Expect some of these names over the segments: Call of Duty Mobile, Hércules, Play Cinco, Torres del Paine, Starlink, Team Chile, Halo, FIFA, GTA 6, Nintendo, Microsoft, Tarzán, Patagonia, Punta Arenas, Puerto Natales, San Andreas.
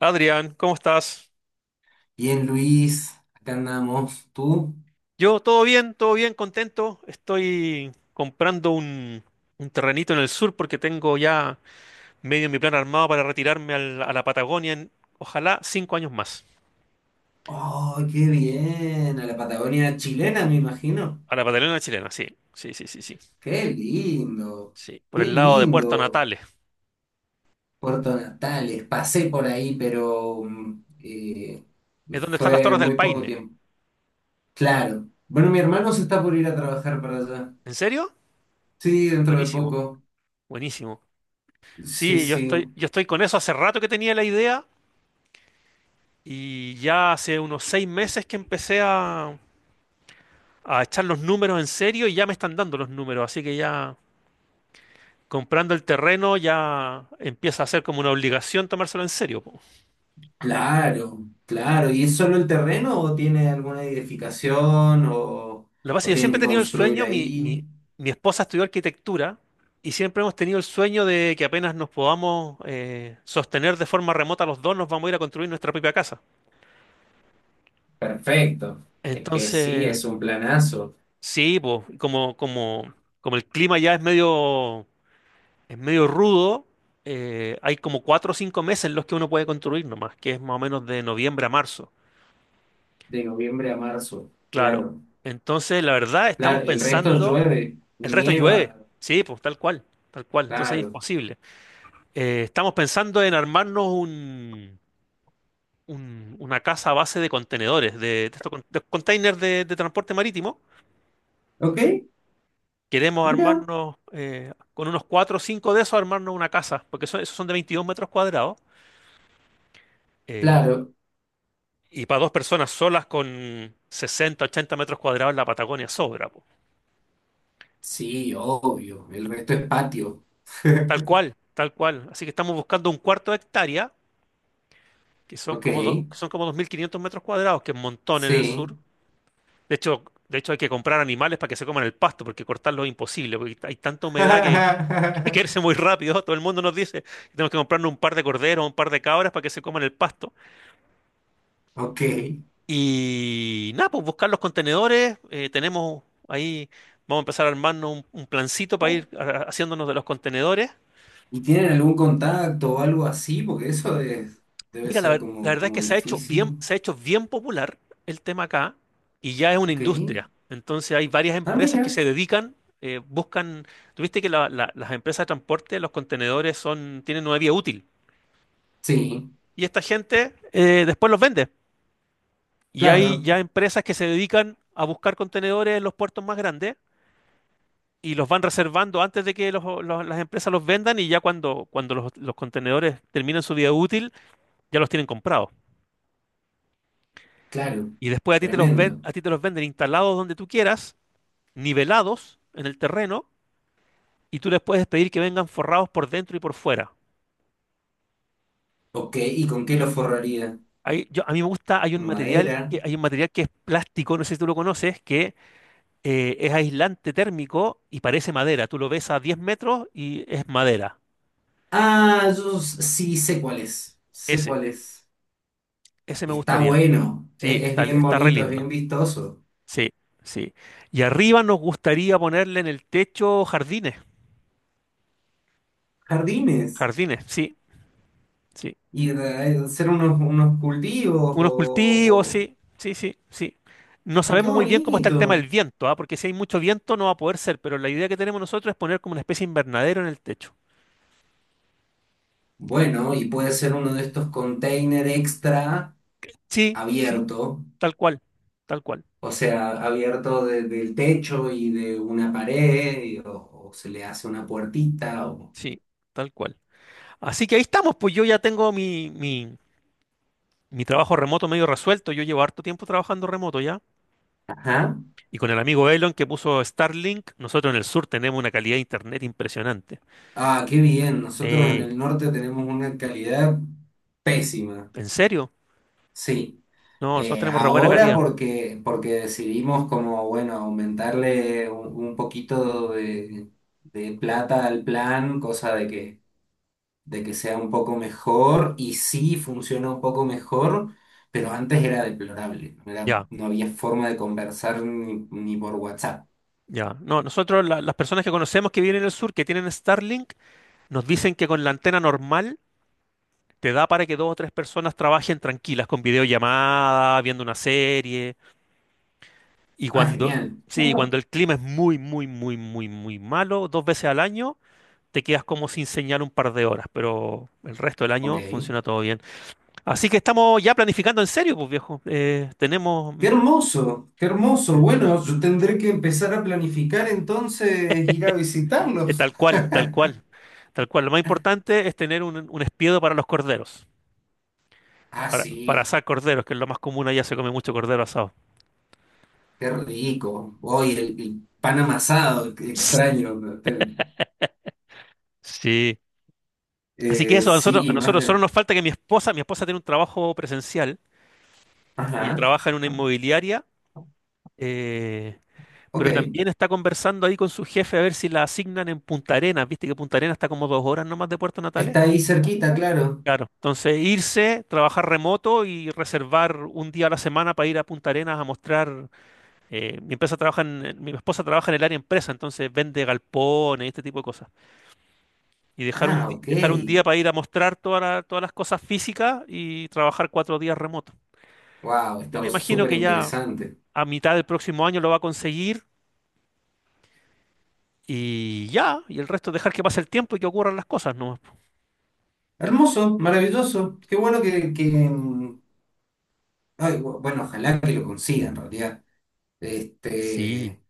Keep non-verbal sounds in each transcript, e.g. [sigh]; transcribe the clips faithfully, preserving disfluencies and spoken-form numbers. Adrián, ¿cómo estás? Bien, Luis, acá andamos. ¿Tú? Yo, todo bien, todo bien, contento. Estoy comprando un, un terrenito en el sur porque tengo ya medio mi plan armado para retirarme al- a la Patagonia en, ojalá, cinco años más. ¡Oh, qué bien! A la Patagonia chilena, me imagino. A la Patagonia chilena, sí, sí, sí, sí, sí. ¡Qué lindo! Sí, por ¡Qué el lado de Puerto lindo! Natales. Puerto Natales, pasé por ahí, pero mm, eh, Es donde están las fue Torres del muy poco Paine. tiempo. Claro. Bueno, mi hermano se está por ir a trabajar para allá. ¿En serio? Sí, dentro de Buenísimo, poco. buenísimo. Sí, Sí, yo estoy, sí. yo estoy con eso. Hace rato que tenía la idea y ya hace unos seis meses que empecé a a echar los números en serio y ya me están dando los números, así que ya comprando el terreno ya empieza a ser como una obligación tomárselo en serio. Po. Claro, claro. ¿Y es solo el terreno o tiene alguna edificación o, Lo que pasa es que o yo tienen siempre he que tenido el construir sueño, mi, ahí? mi, mi esposa estudió arquitectura y siempre hemos tenido el sueño de que apenas nos podamos eh, sostener de forma remota los dos, nos vamos a ir a construir nuestra propia casa. Perfecto. Es que sí, Entonces, es un planazo. sí, po, como, como, como el clima ya es medio. Es medio rudo. Eh, hay como cuatro o cinco meses en los que uno puede construir nomás, que es más o menos de noviembre a marzo. De noviembre a marzo. Claro. Claro. Entonces, la verdad, estamos Claro, el resto pensando, llueve, el resto llueve. nieva. Sí, pues tal cual, tal cual. Entonces es Claro. imposible. Eh, estamos pensando en armarnos un, un- una casa a base de contenedores, de, de estos con- de containers de, de transporte marítimo. Ok, Queremos mira. armarnos eh, con unos cuatro o cinco de esos, armarnos una casa, porque son- esos son de veintidós metros cuadrados. Eh, Claro. Y para dos personas solas con sesenta ochenta metros cuadrados en la Patagonia sobra, po. Sí, obvio. El resto es patio. Tal [laughs] cual, tal cual. Así que estamos buscando un cuarto de hectárea, que son Ok, como, do- son como dos mil quinientos metros cuadrados, que es un montón en el sí. sur. De hecho, de hecho, hay que comprar animales para que se coman el pasto, porque cortarlo es imposible, porque hay tanta humedad que [laughs] que [laughs] crece muy rápido. Todo el mundo nos dice que tenemos que comprarnos un par de corderos, un par de cabras para que se coman el pasto. Ok. Y nada, pues buscar los contenedores. Eh, tenemos ahí, vamos a empezar a armarnos un, un plancito para ir a- haciéndonos de los contenedores. ¿Y tienen algún contacto o algo así? Porque eso es- debe Mira, la, ser ver- la como, verdad es como que se ha hecho bien, difícil. se ha hecho bien popular el tema acá y ya es una Ok. industria. Entonces hay varias Ah, empresas que mira. se dedican, eh, buscan, tuviste que la- la- las empresas de transporte, los contenedores son, tienen una vía útil Sí, y esta gente eh, después los vende. Y hay claro, ya empresas que se dedican a buscar contenedores en los puertos más grandes y los van reservando antes de que los- los- las empresas los vendan y ya cuando, cuando los, los contenedores terminan su vida útil, ya los tienen comprados. claro. Y después a ti te los ven, Tremendo. a ti te los venden instalados donde tú quieras, nivelados en el terreno, y tú les puedes pedir que vengan forrados por dentro y por fuera. Ok, ¿y con qué lo forraría? Ahí yo, a mí me gusta, hay un material Madera. que, hay un material que es plástico, no sé si tú lo conoces, que eh, es aislante térmico y parece madera. Tú lo ves a diez metros y es madera. Ah, yo s- sí sé cuál es. Sé Ese, cuál es. ese me Está gustaría a mí. bueno. Sí, e- Es está, bien está re bonito, es lindo. bien vistoso. Sí, sí. Y arriba nos gustaría ponerle en el techo jardines, Jardines. jardines, sí, sí. Y eh, hacer unos, unos cultivos Unos o, cultivos, o- sí, sí, sí, sí. No Ah, qué sabemos muy bien cómo está el tema del bonito. viento, ¿ah? Porque si hay mucho viento no va a poder ser, pero la idea que tenemos nosotros es poner como una especie de invernadero en el techo. Bueno, y puede ser uno de estos container extra Sí, sí, abierto. tal cual, tal cual, O sea, abierto de- del techo y de una pared. Y- o, o se le hace una puertita. O... sí, tal cual. Así que ahí estamos, pues yo ya tengo mi, mi, mi trabajo remoto medio resuelto, yo llevo harto tiempo trabajando remoto ya. Ajá. Y con el amigo Elon que puso Starlink, nosotros en el sur tenemos una calidad de internet impresionante. Ah, qué bien. Nosotros en Sí, el norte tenemos una calidad pésima. ¿en serio? Sí. No, nosotros Eh, tenemos re buena ahora calidad. porque, porque decidimos como, bueno, aumentarle un, un poquito de, de plata al plan, cosa de que, de que sea un poco mejor y sí funciona un poco mejor, pero antes era deplorable. No era- Ya, No había forma de conversar ni, ni por WhatsApp. ya. No, nosotros, la- las personas que conocemos que viven en el sur, que tienen Starlink, nos dicen que con la antena normal te da para que dos o tres personas trabajen tranquilas con videollamada, viendo una serie. Y Ah, cuando, genial. sí, cuando el clima es muy, muy, muy, muy, muy malo, dos veces al año, te quedas como sin señal un par de horas, pero el resto del Ok. año funciona todo bien. Así que estamos ya planificando en serio, pues viejo. Eh, tenemos mm, Qué hermoso, qué hermoso. Bueno, yo tendré que empezar a planificar entonces ir a eh, visitarlos. tal cual, tal cual, tal cual. Lo más importante es tener un, un espiedo para los corderos, Ah, para, para sí, asar corderos, que es lo más común allá, se come mucho cordero asado. qué rico. Hoy el, el pan amasado, qué extraño, ¿no? Te- Sí. Así que eh, eso, a nosotros, a Sí, más nosotros solo de... nos falta que mi esposa, mi esposa tiene un trabajo presencial, ella Ajá, trabaja en una inmobiliaria, eh, ok. pero también está conversando ahí con su jefe a ver si la asignan en Punta Arenas. Viste que Punta Arenas está como dos horas nomás de Puerto Natales. Está ahí cerquita, claro. Claro, entonces irse, trabajar remoto y reservar un día a la semana para ir a Punta Arenas a mostrar. Eh, mi empresa trabaja en- en- mi esposa trabaja en el área empresa, entonces vende galpones y este tipo de cosas. Y dejar un, Ah, di- ok. dejar un día para ir a mostrar toda la- todas las cosas físicas y trabajar cuatro días remoto. Wow, Yo me está imagino súper que ya interesante. a mitad del próximo año lo va a conseguir y ya, y el resto dejar que pase el tiempo y que ocurran las cosas, ¿no? Hermoso, maravilloso. Qué bueno que, que... mm, ay, bu- bueno, ojalá que lo consiga en realidad. Sí, Este...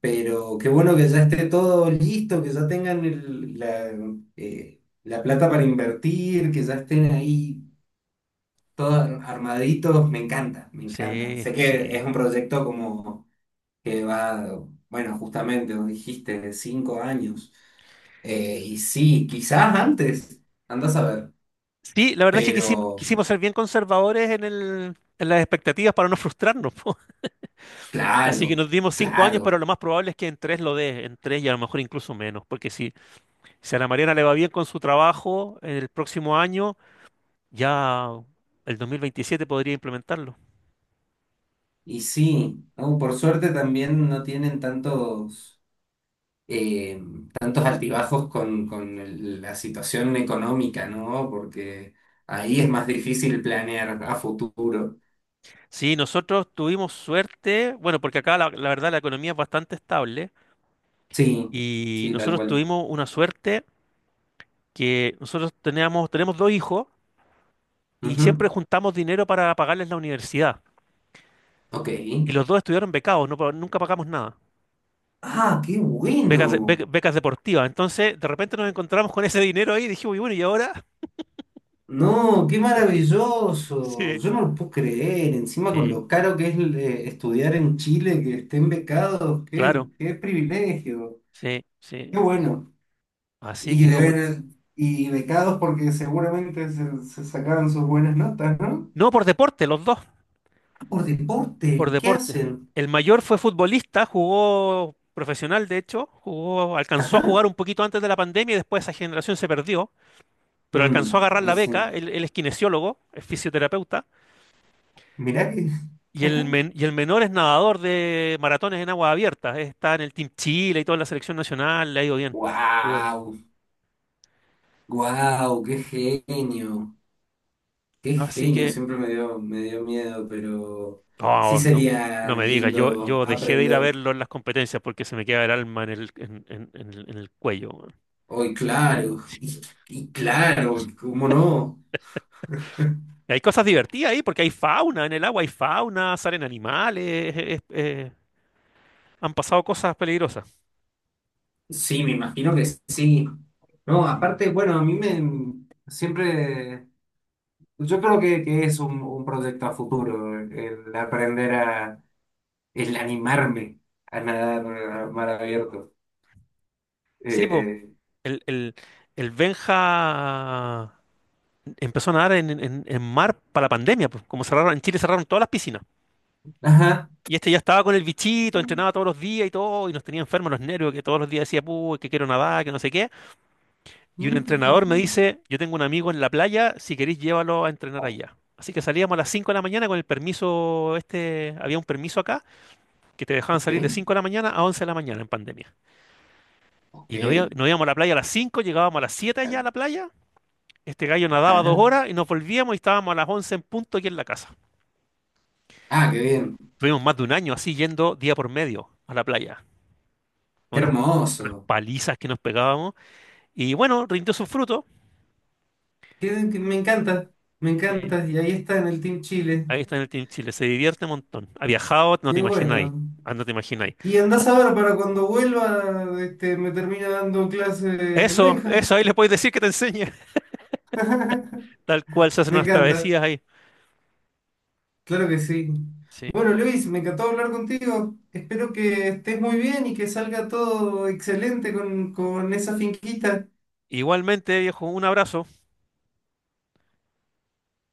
Pero qué bueno que ya esté todo listo, que ya tengan el- la, eh, la plata para invertir, que ya estén ahí todos armaditos. Me encanta, me encanta. sí, Sé que sí. es un proyecto como que va, bueno, justamente, vos dijiste, de cinco años. Eh, y sí, quizás antes, andas a ver. Sí, la verdad es que quisim- Pero quisimos ser bien conservadores en el, en las expectativas para no frustrarnos, [laughs] po. Así que claro, nos dimos cinco años, pero claro. lo más probable es que en tres lo dé, en tres y a lo mejor incluso menos, porque si, si a la Mariana le va bien con su trabajo el próximo año, ya el dos mil veintisiete podría implementarlo. Y sí, ¿no? Por suerte también no tienen tantos eh, tantos altibajos con, con el- la situación económica, ¿no? Porque ahí es más difícil planear a futuro. Sí, nosotros tuvimos suerte, bueno, porque acá la, la verdad la economía es bastante estable Sí, y sí, tal nosotros cual. tuvimos una suerte que nosotros teníamos, tenemos dos hijos y siempre Ujú. juntamos dinero para pagarles la universidad. Ok. Y los dos estuvieron becados, no, pa- nunca pagamos nada. Ah, qué Becas, de- bueno. be- becas deportivas. Entonces, de repente nos encontramos con ese dinero ahí y dijimos, y bueno, ¿y ahora? [laughs] No, qué maravilloso. Sí. Yo no lo puedo creer. Encima con Sí, lo caro que es eh, estudiar en Chile, que estén becados, qué, claro. qué privilegio. Sí, sí. Qué bueno. Así Y, que de como... ver- y becados porque seguramente se, se sacaron sus buenas notas, no No, por deporte, los dos, por por deporte, ¿qué deporte. hacen? El mayor fue futbolista, jugó profesional, de hecho, jugó, alcanzó a Ajá. jugar un poquito antes de la pandemia y después esa generación se perdió, pero alcanzó a Mm, agarrar la dice, beca. Él, él es kinesiólogo, es fisioterapeuta. mirá que. [laughs] Y el, Ajá. men- y el menor es nadador de maratones en aguas abiertas. eh, Está en el Team Chile y toda la selección nacional. Le ha ido bien. Le ha ido bien. Wow, wow, qué genio, qué Así genio. que, Siempre me dio, me dio miedo, pero sí oh, no, sería no me digas. Yo, lindo yo dejé de ir a aprender verlo en las competencias porque se me queda el alma en el, en, en- en el, en el cuello. Weón. hoy, claro, y, y claro, ¿cómo no? Y hay cosas divertidas ahí porque hay fauna en el agua, hay fauna, salen animales. es- es- han pasado cosas peligrosas. Sí, me imagino que sí. No, Sí. aparte, bueno, a mí me siempre, yo creo que, que es un, un proyecto a futuro, el aprender a el animarme a nadar a mar abierto. Eh, Sí, po. eh, El, el, el Benja. Empezó a nadar en, en- en mar para la pandemia, pues, como cerraron, en Chile cerraron todas las piscinas. ajá. Y este ya estaba con el bichito, entrenaba [laughs] todos los días y todo, y nos tenía enfermos los nervios, que todos los días decía, puh, que quiero nadar, que no sé qué. Y un Mm, entrenador me dice, yo tengo un amigo en la playa, si queréis llévalo a entrenar allá. Así que salíamos a las cinco de la mañana con el permiso, este, había un permiso acá, que te dejaban salir de ok, cinco de la mañana a once de la mañana en pandemia. ok. Y nos, íbamos- nos íbamos a la playa a las cinco llegábamos a las siete allá a la playa, este gallo nadaba dos Ajá. horas y nos volvíamos y estábamos a las once en punto aquí en la casa. Ah, qué bien. Tuvimos más de un año así yendo día por medio a la playa. Qué Unas, unas hermoso. palizas que nos pegábamos. Y bueno, rindió sus frutos. Qué- qué- me encanta, me Sí. encanta. Y ahí está en el Team Chile. Ahí está en el Team Chile. Se divierte un montón. Ha viajado, no te Qué imagináis. bueno. Ah, no te imagináis. Y Ah, andás a ver para cuando vuelva, este, me termina dando clase el Eso, Benja. eso, ahí le podéis decir que te enseñe. [laughs] Tal cual se hacen Me unas encanta. travesías ahí. Claro que sí. Sí. Bueno, Luis, me encantó hablar contigo. Espero que estés muy bien y que salga todo excelente con, con esa finquita. Igualmente, viejo, un abrazo.